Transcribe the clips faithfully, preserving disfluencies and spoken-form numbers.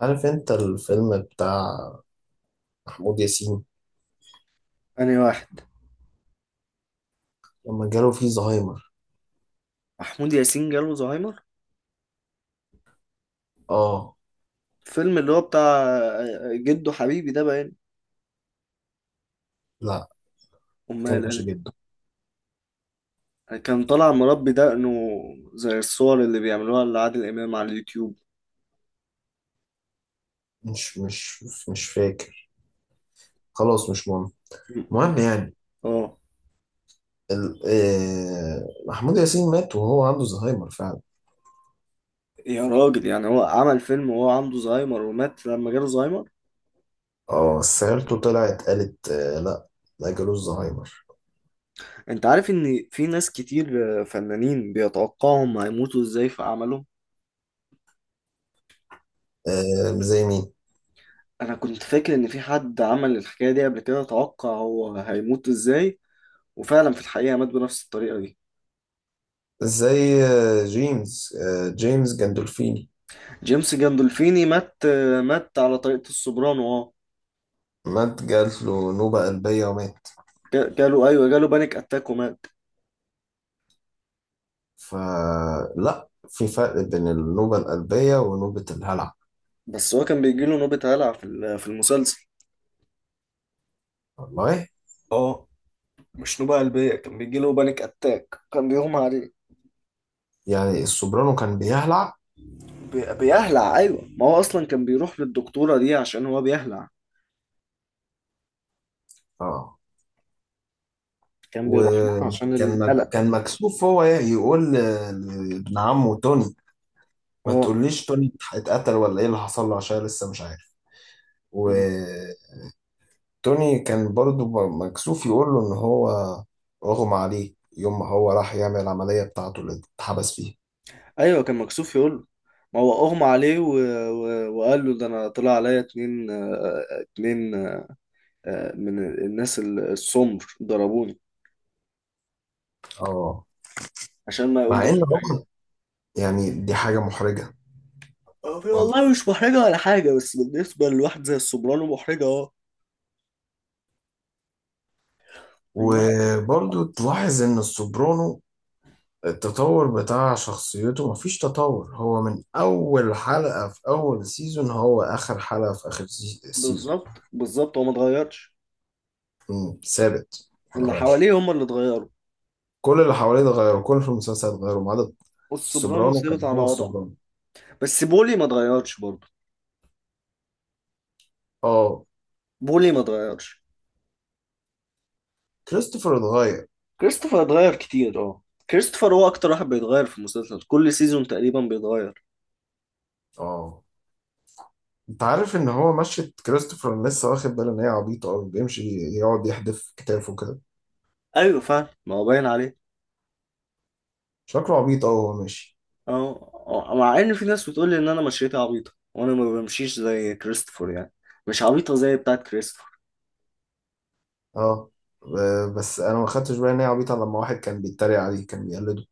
عارف انت الفيلم بتاع محمود ياسين أنهي واحد؟ لما جاله فيه زهايمر. محمود ياسين جاله زهايمر؟ اه. الفيلم اللي هو بتاع آه، جده حبيبي ده باين. لا، ما أمال كانش أنا؟ جده. كان طالع مربي دقنه زي الصور اللي بيعملوها لعادل إمام على اليوتيوب. مش مش مش فاكر. خلاص، مش مهم. م- المهم يعني اه. ال- آه، محمود ياسين مات وهو عنده زهايمر فعلا. يا راجل، يعني هو عمل فيلم وهو عنده زهايمر ومات لما جاله زهايمر؟ اه بس عيلته طلعت قالت آه، لا، ما جالوش زهايمر. انت عارف ان في ناس كتير، آه، فنانين، بيتوقعهم هيموتوا ازاي في اعمالهم. آه، زي مين؟ انا كنت فاكر ان في حد عمل الحكاية دي قبل كده، توقع هو هيموت ازاي، وفعلا في الحقيقة مات بنفس الطريقة دي. زي آه، جيمس، آه، جيمس جندولفيني جيمس جاندولفيني مات، مات على طريقة السوبرانو، اه. مات. جات له نوبة قلبية ومات. جا- جاله، ايوه جاله بانيك اتاك ومات. فلا في فرق بين النوبة القلبية ونوبة الهلع. بس هو كان بيجيله نوبة هلع في ال- في المسلسل، والله. اه. مش نوبة قلبية، كان بيجيله بانيك اتاك، كان بيغمى عليه. يعني السوبرانو كان بيهلع. بي- بيهلع، ايوه. ما هو اصلا كان بيروح للدكتورة دي عشان هو بيهلع. اه، كان بيروح لها عشان وكان مك... القلق. كان مكسوف هو يقول ل- لابن عمه توني، ما اه. تقوليش توني اتقتل ولا ايه اللي حصل له، عشان لسه مش عارف. مم. وتوني كان برضو م- مكسوف يقول له ان هو اغمى عليه يوم ما هو راح يعمل العملية بتاعته اللي اتحبس فيها. ايوه كان مكسوف يقول له، ما هو اغمى عليه و... و... وقال له، ده انا طلع عليا اتنين آه، آه، اتنين آه، آه، من الناس السمر ضربوني، اه، عشان ما مع يقولوش ان هو، الحاجة. يعني، دي حاجة محرجة. هو والله مش محرجة ولا حاجة، بس بالنسبة لواحد زي السوبرانو محرجة، اه. إنما وبرضو تلاحظ ان السوبرانو التطور بتاع شخصيته، مفيش تطور. هو من اول حلقة في اول سيزون هو اخر حلقة في اخر سي- سيزون. بالظبط، بالظبط، هو ما اتغيرش. مم، ثابت، اللي مغيرش. حواليه هم اللي اتغيروا. كل اللي حواليه اتغيروا، كل في المسلسل اتغيروا ما عدا والسوبرانو السوبرانو. ثابت كان على هو وضعه. السوبرانو. بس بولي ما اتغيرش برضه. اه. بولي ما اتغيرش. كريستوفر اتغير. كريستوفر اتغير كتير، اه. كريستوفر هو اكتر واحد بيتغير في المسلسل، كل سيزون تقريبا بيتغير. اه. انت عارف ان هو مشيت كريستوفر؟ أنا لسه واخد بالي ان هي عبيطة قوي. بيمشي يقعد يحدف كتافه كده. ايوه فعلا، ما هو باين عليه. شكله عبيط قوي وهو ماشي. اه. آه، مع ان في ناس بتقول لي ان انا مشيتي عبيطة، وانا ما بمشيش زي كريستوفر يعني، مش عبيطة زي بتاعت كريستوفر. اه. آه، بس انا ما خدتش بالي ان هي عبيطه، لما واحد كان بيتريق عليه كان بيقلده.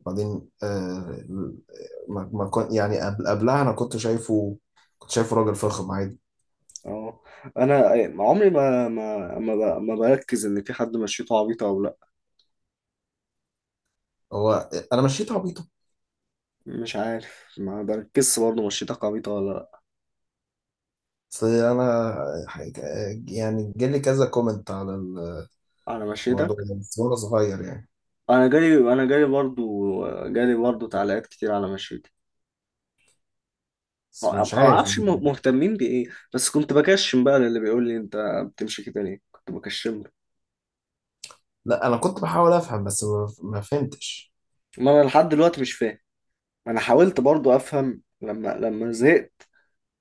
بعدين آه ما ما كنت يعني قبل قبلها انا كنت شايفه. كنت شايفه راجل فخم عادي. اه. انا عمري ما ما ما, ب... ما بركز ان في حد مشيته عبيطه او لا. هو انا مشيت عبيطه؟ مش عارف، ما بركزش برضه مشيتك عبيطه ولا لا. اصل انا، حاجة يعني، جالي كذا كومنت على على مشيتك؟ الموضوع ده بس وانا صغير، يعني. انا جالي، انا جالي برضه جالي برضه تعليقات كتير على مشيتي. بس ما ما مش عارف اعرفش يعني. م- مهتمين بايه، بس كنت بكشم بقى للي بيقول لي، انت بتمشي كده ليه، كنت بكشم له. لا، انا كنت بحاول افهم بس ما ما فهمتش. ما انا لحد دلوقتي مش فاهم. انا حاولت برضه افهم، لما لما زهقت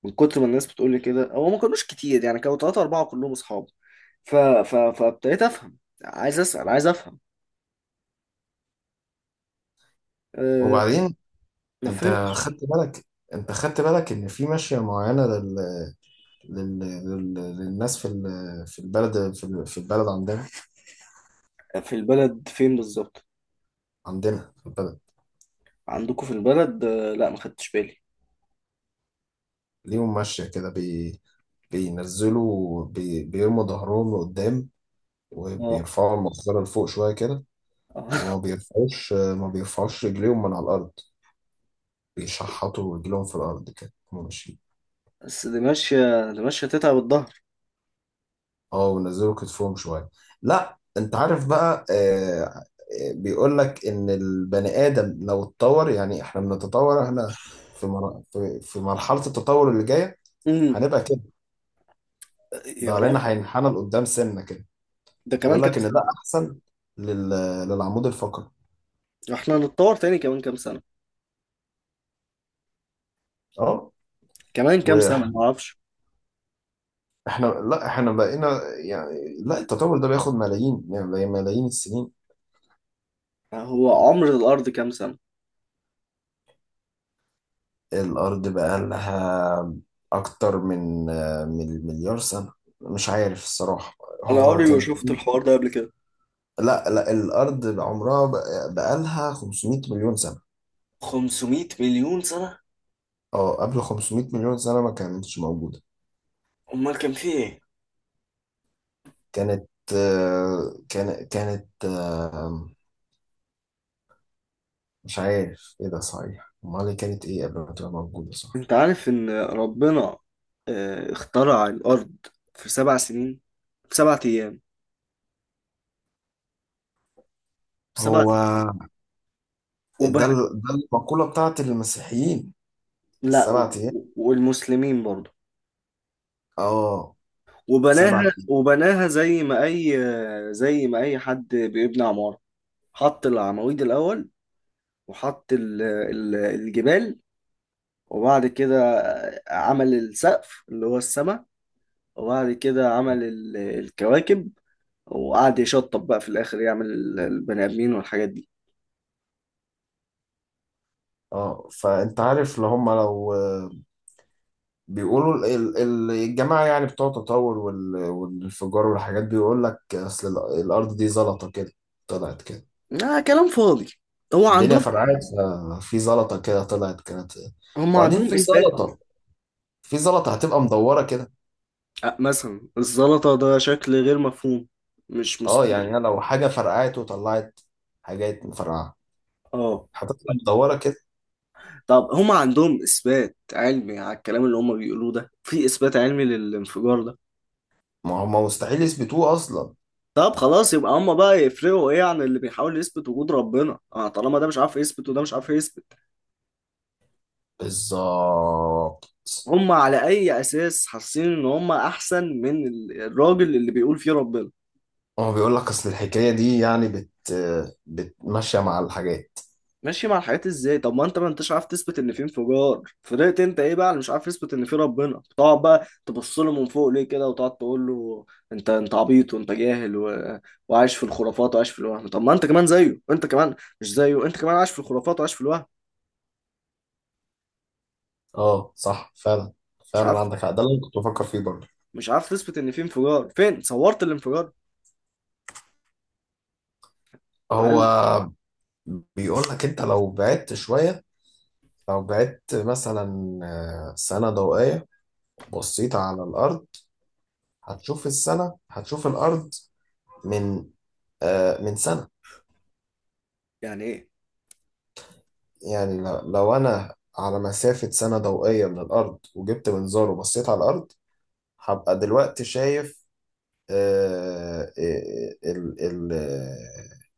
من كتر ما الناس بتقول لي كده. هو ما كانوش كتير يعني، كانوا ثلاثة أربعة كلهم أصحاب. ف... ف... فابتديت أفهم. عايز أسأل، عايز أفهم. أه... وبعدين ما انت فهمتش. خدت بالك انت خدت بالك ان في ماشيه معينه لل... لل... للناس في ال- في البلد، في ال- في البلد عندنا. في البلد فين بالظبط؟ عندنا في البلد عندكم في البلد؟ أه... لا ما خدتش بالي. ليهم ماشية كده. بي... بينزلوا بي... بيرموا ظهرهم لقدام، اه. وبيرفعوا المقصرة لفوق شوية كده، آه. وما بيرفعوش ما بيرفعوش رجليهم من على الأرض. بيشحطوا رجليهم في الأرض كده هما ماشيين. بس دي ماشية، دي ماشية تتعب الظهر. اه، ونزلوا كتفهم شوية. لا، انت عارف بقى، آه... آه، بيقول لك ان البني ادم لو اتطور، يعني احنا بنتطور، احنا في مر... في في مرحلة التطور اللي جاية امم هنبقى كده. يا ظهرنا راجل، هينحنى لقدام سنة كده. ده كمان يقول كام لك ان ده سنة؟ احسن لل... للعمود الفقري. احنا هنتطور تاني كمان كام سنة؟ اه. كمان كام واحنا سنة ما اعرفش. احنا، لا، احنا بقينا، يعني، لا، التطور ده بياخد ملايين، يعني، ملايين السنين. هو عمر الأرض كام سنة؟ الارض بقى لها اكتر من من مليار سنة. مش عارف الصراحة. انا هو عمري ما كان شفت في الحوار ده قبل كده. لا، لا، الارض عمرها بقى لها خمسمائة مليون سنة. خمسمية مليون سنة؟ اه، قبل خمسمائة مليون سنة ما كانتش موجودة. امال كان فيه ايه؟ كانت آه، كان كانت آه، مش عارف ايه. ده صحيح؟ امال هي كانت ايه قبل ما تبقى موجوده؟ صح. انت عارف ان ربنا آه، اخترع الارض في سبع سنين، في سبعة ايام، في سبعة هو ايام وب... ده ال- ده المقوله بتاعت المسيحيين، لا، و... السبع و- ايام. والمسلمين برضه. اه، وبناها، سبع ايام. وبناها زي ما اي آه، زي ما اي حد بيبني عمارة. حط العواميد الاول، وحط ال... ال... الجبال، وبعد كده آه، عمل السقف اللي هو السماء، وبعد كده عمل ال... الكواكب، وقعد يشطب بقى في الاخر يعمل ال- البني ادمين والحاجات دي. اه. فانت عارف اللي هم، لو آه، بيقولوا، ال- ال- ال- الجماعه يعني بتوع التطور وال- والانفجار والحاجات، بيقول لك اصل ال- الارض دي زلطه كده طلعت كده. لا كلام فاضي. هو الدنيا عندهم، فرقعت. ففي زلطه كده طلعت، كانت. هم وبعدين عندهم في اثبات؟ زلطه في زلطة هتبقى مدورة كده. أه، مثلا الزلطه ده شكل غير مفهوم، مش اه، يعني مستمر. أنا لو حاجة فرقعت وطلعت، حاجات مفرقعة اه. هتطلع مدورة كده. طب هم عندهم اثبات علمي على الكلام اللي هم بيقولوه ده؟ في اثبات علمي للانفجار ده؟ ما هم مستحيل يثبتوه أصلا. طب خلاص، يبقى هم بقى يفرقوا ايه عن اللي بيحاول يثبت وجود ربنا؟ اه، طالما ده مش عارف يثبت وده مش عارف يثبت، بالظبط. هم على اي اساس حاسين ان هم احسن من ال- الراجل اللي بيقول فيه ربنا؟ هو بيقول لك أصل الحكاية دي يعني بت بتمشي مع الحاجات. ماشي مع الحاجات ازاي؟ طب ما انت، ما انتش عارف تثبت ان في انفجار، فضلت انت ايه بقى اللي مش عارف تثبت ان في ربنا، تقعد بقى تبص له من فوق ليه كده وتقعد تقول له، انت، انت عبيط وانت جاهل و... وعايش في الخرافات وعايش في الوهم؟ طب ما انت كمان زيه، انت كمان، مش زيه، انت كمان عايش في الخرافات وعايش في الوهم. اه، صح، فعلا، مش فعلا عارف. عندك حق. ده اللي أنا كنت بفكر فيه برضه. مش عارف تثبت ان في انفجار، فين صورت الانفجار؟ هل هو بيقول لك أنت لو بعدت شوية، لو بعدت مثلا آه، سنة ضوئية بصيت على الأرض، هتشوف السنة هتشوف الأرض من، آه، من سنة. يعني ايه؟ يعني ل- لو أنا على مسافة سنة ضوئية من الأرض وجبت منظار وبصيت على الأرض، هبقى دلوقتي شايف، آه، آه، ال ال آه،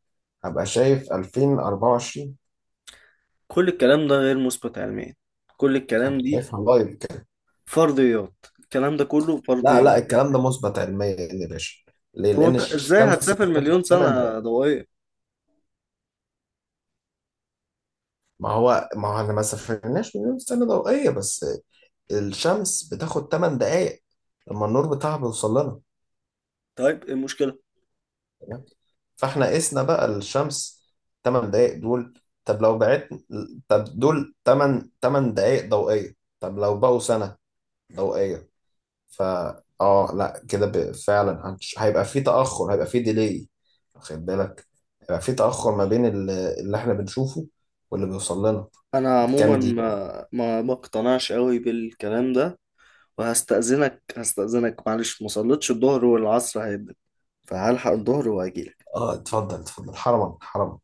هبقى شايف ألفين وأربعة وعشرين. كل الكلام ده غير مثبت علميا، كل الكلام هبقى دي شايفها لايف كده. فرضيات، الكلام ده كله لا، فرضيات. لا، الكلام ده مثبت علميا يا باشا. ليه؟ طب لأن انت ازاي الشمس هتسافر بتاخد مليون تمانية دقايق. سنة ضوئية ما هو ما هو احنا ما سافرناش مليون سنة ضوئية، بس الشمس بتاخد تمانية دقايق لما النور بتاعها بيوصل لنا. طيب ايه المشكلة؟ تمام. فاحنا قسنا بقى الشمس تمانية دقايق دول. طب لو بعت، طب دول تمن تمن دقايق ضوئية. طب لو بقوا سنة ضوئية، فا اه لا، كده، ب- فعلا، هنش- هيبقى في تأخر، هيبقى في ديلي، واخد بالك؟ هيبقى في تأخر ما بين ال- اللي احنا بنشوفه واللي بيوصل لنا. انا عموما كام دقيقة؟ ما ما ما اقتنعش قوي بالكلام ده. وهستأذنك هستأذنك معلش مصليتش الظهر والعصر هيبقى، فهلحق الظهر واجيلك. اه، اتفضل اتفضل، حرما حرما.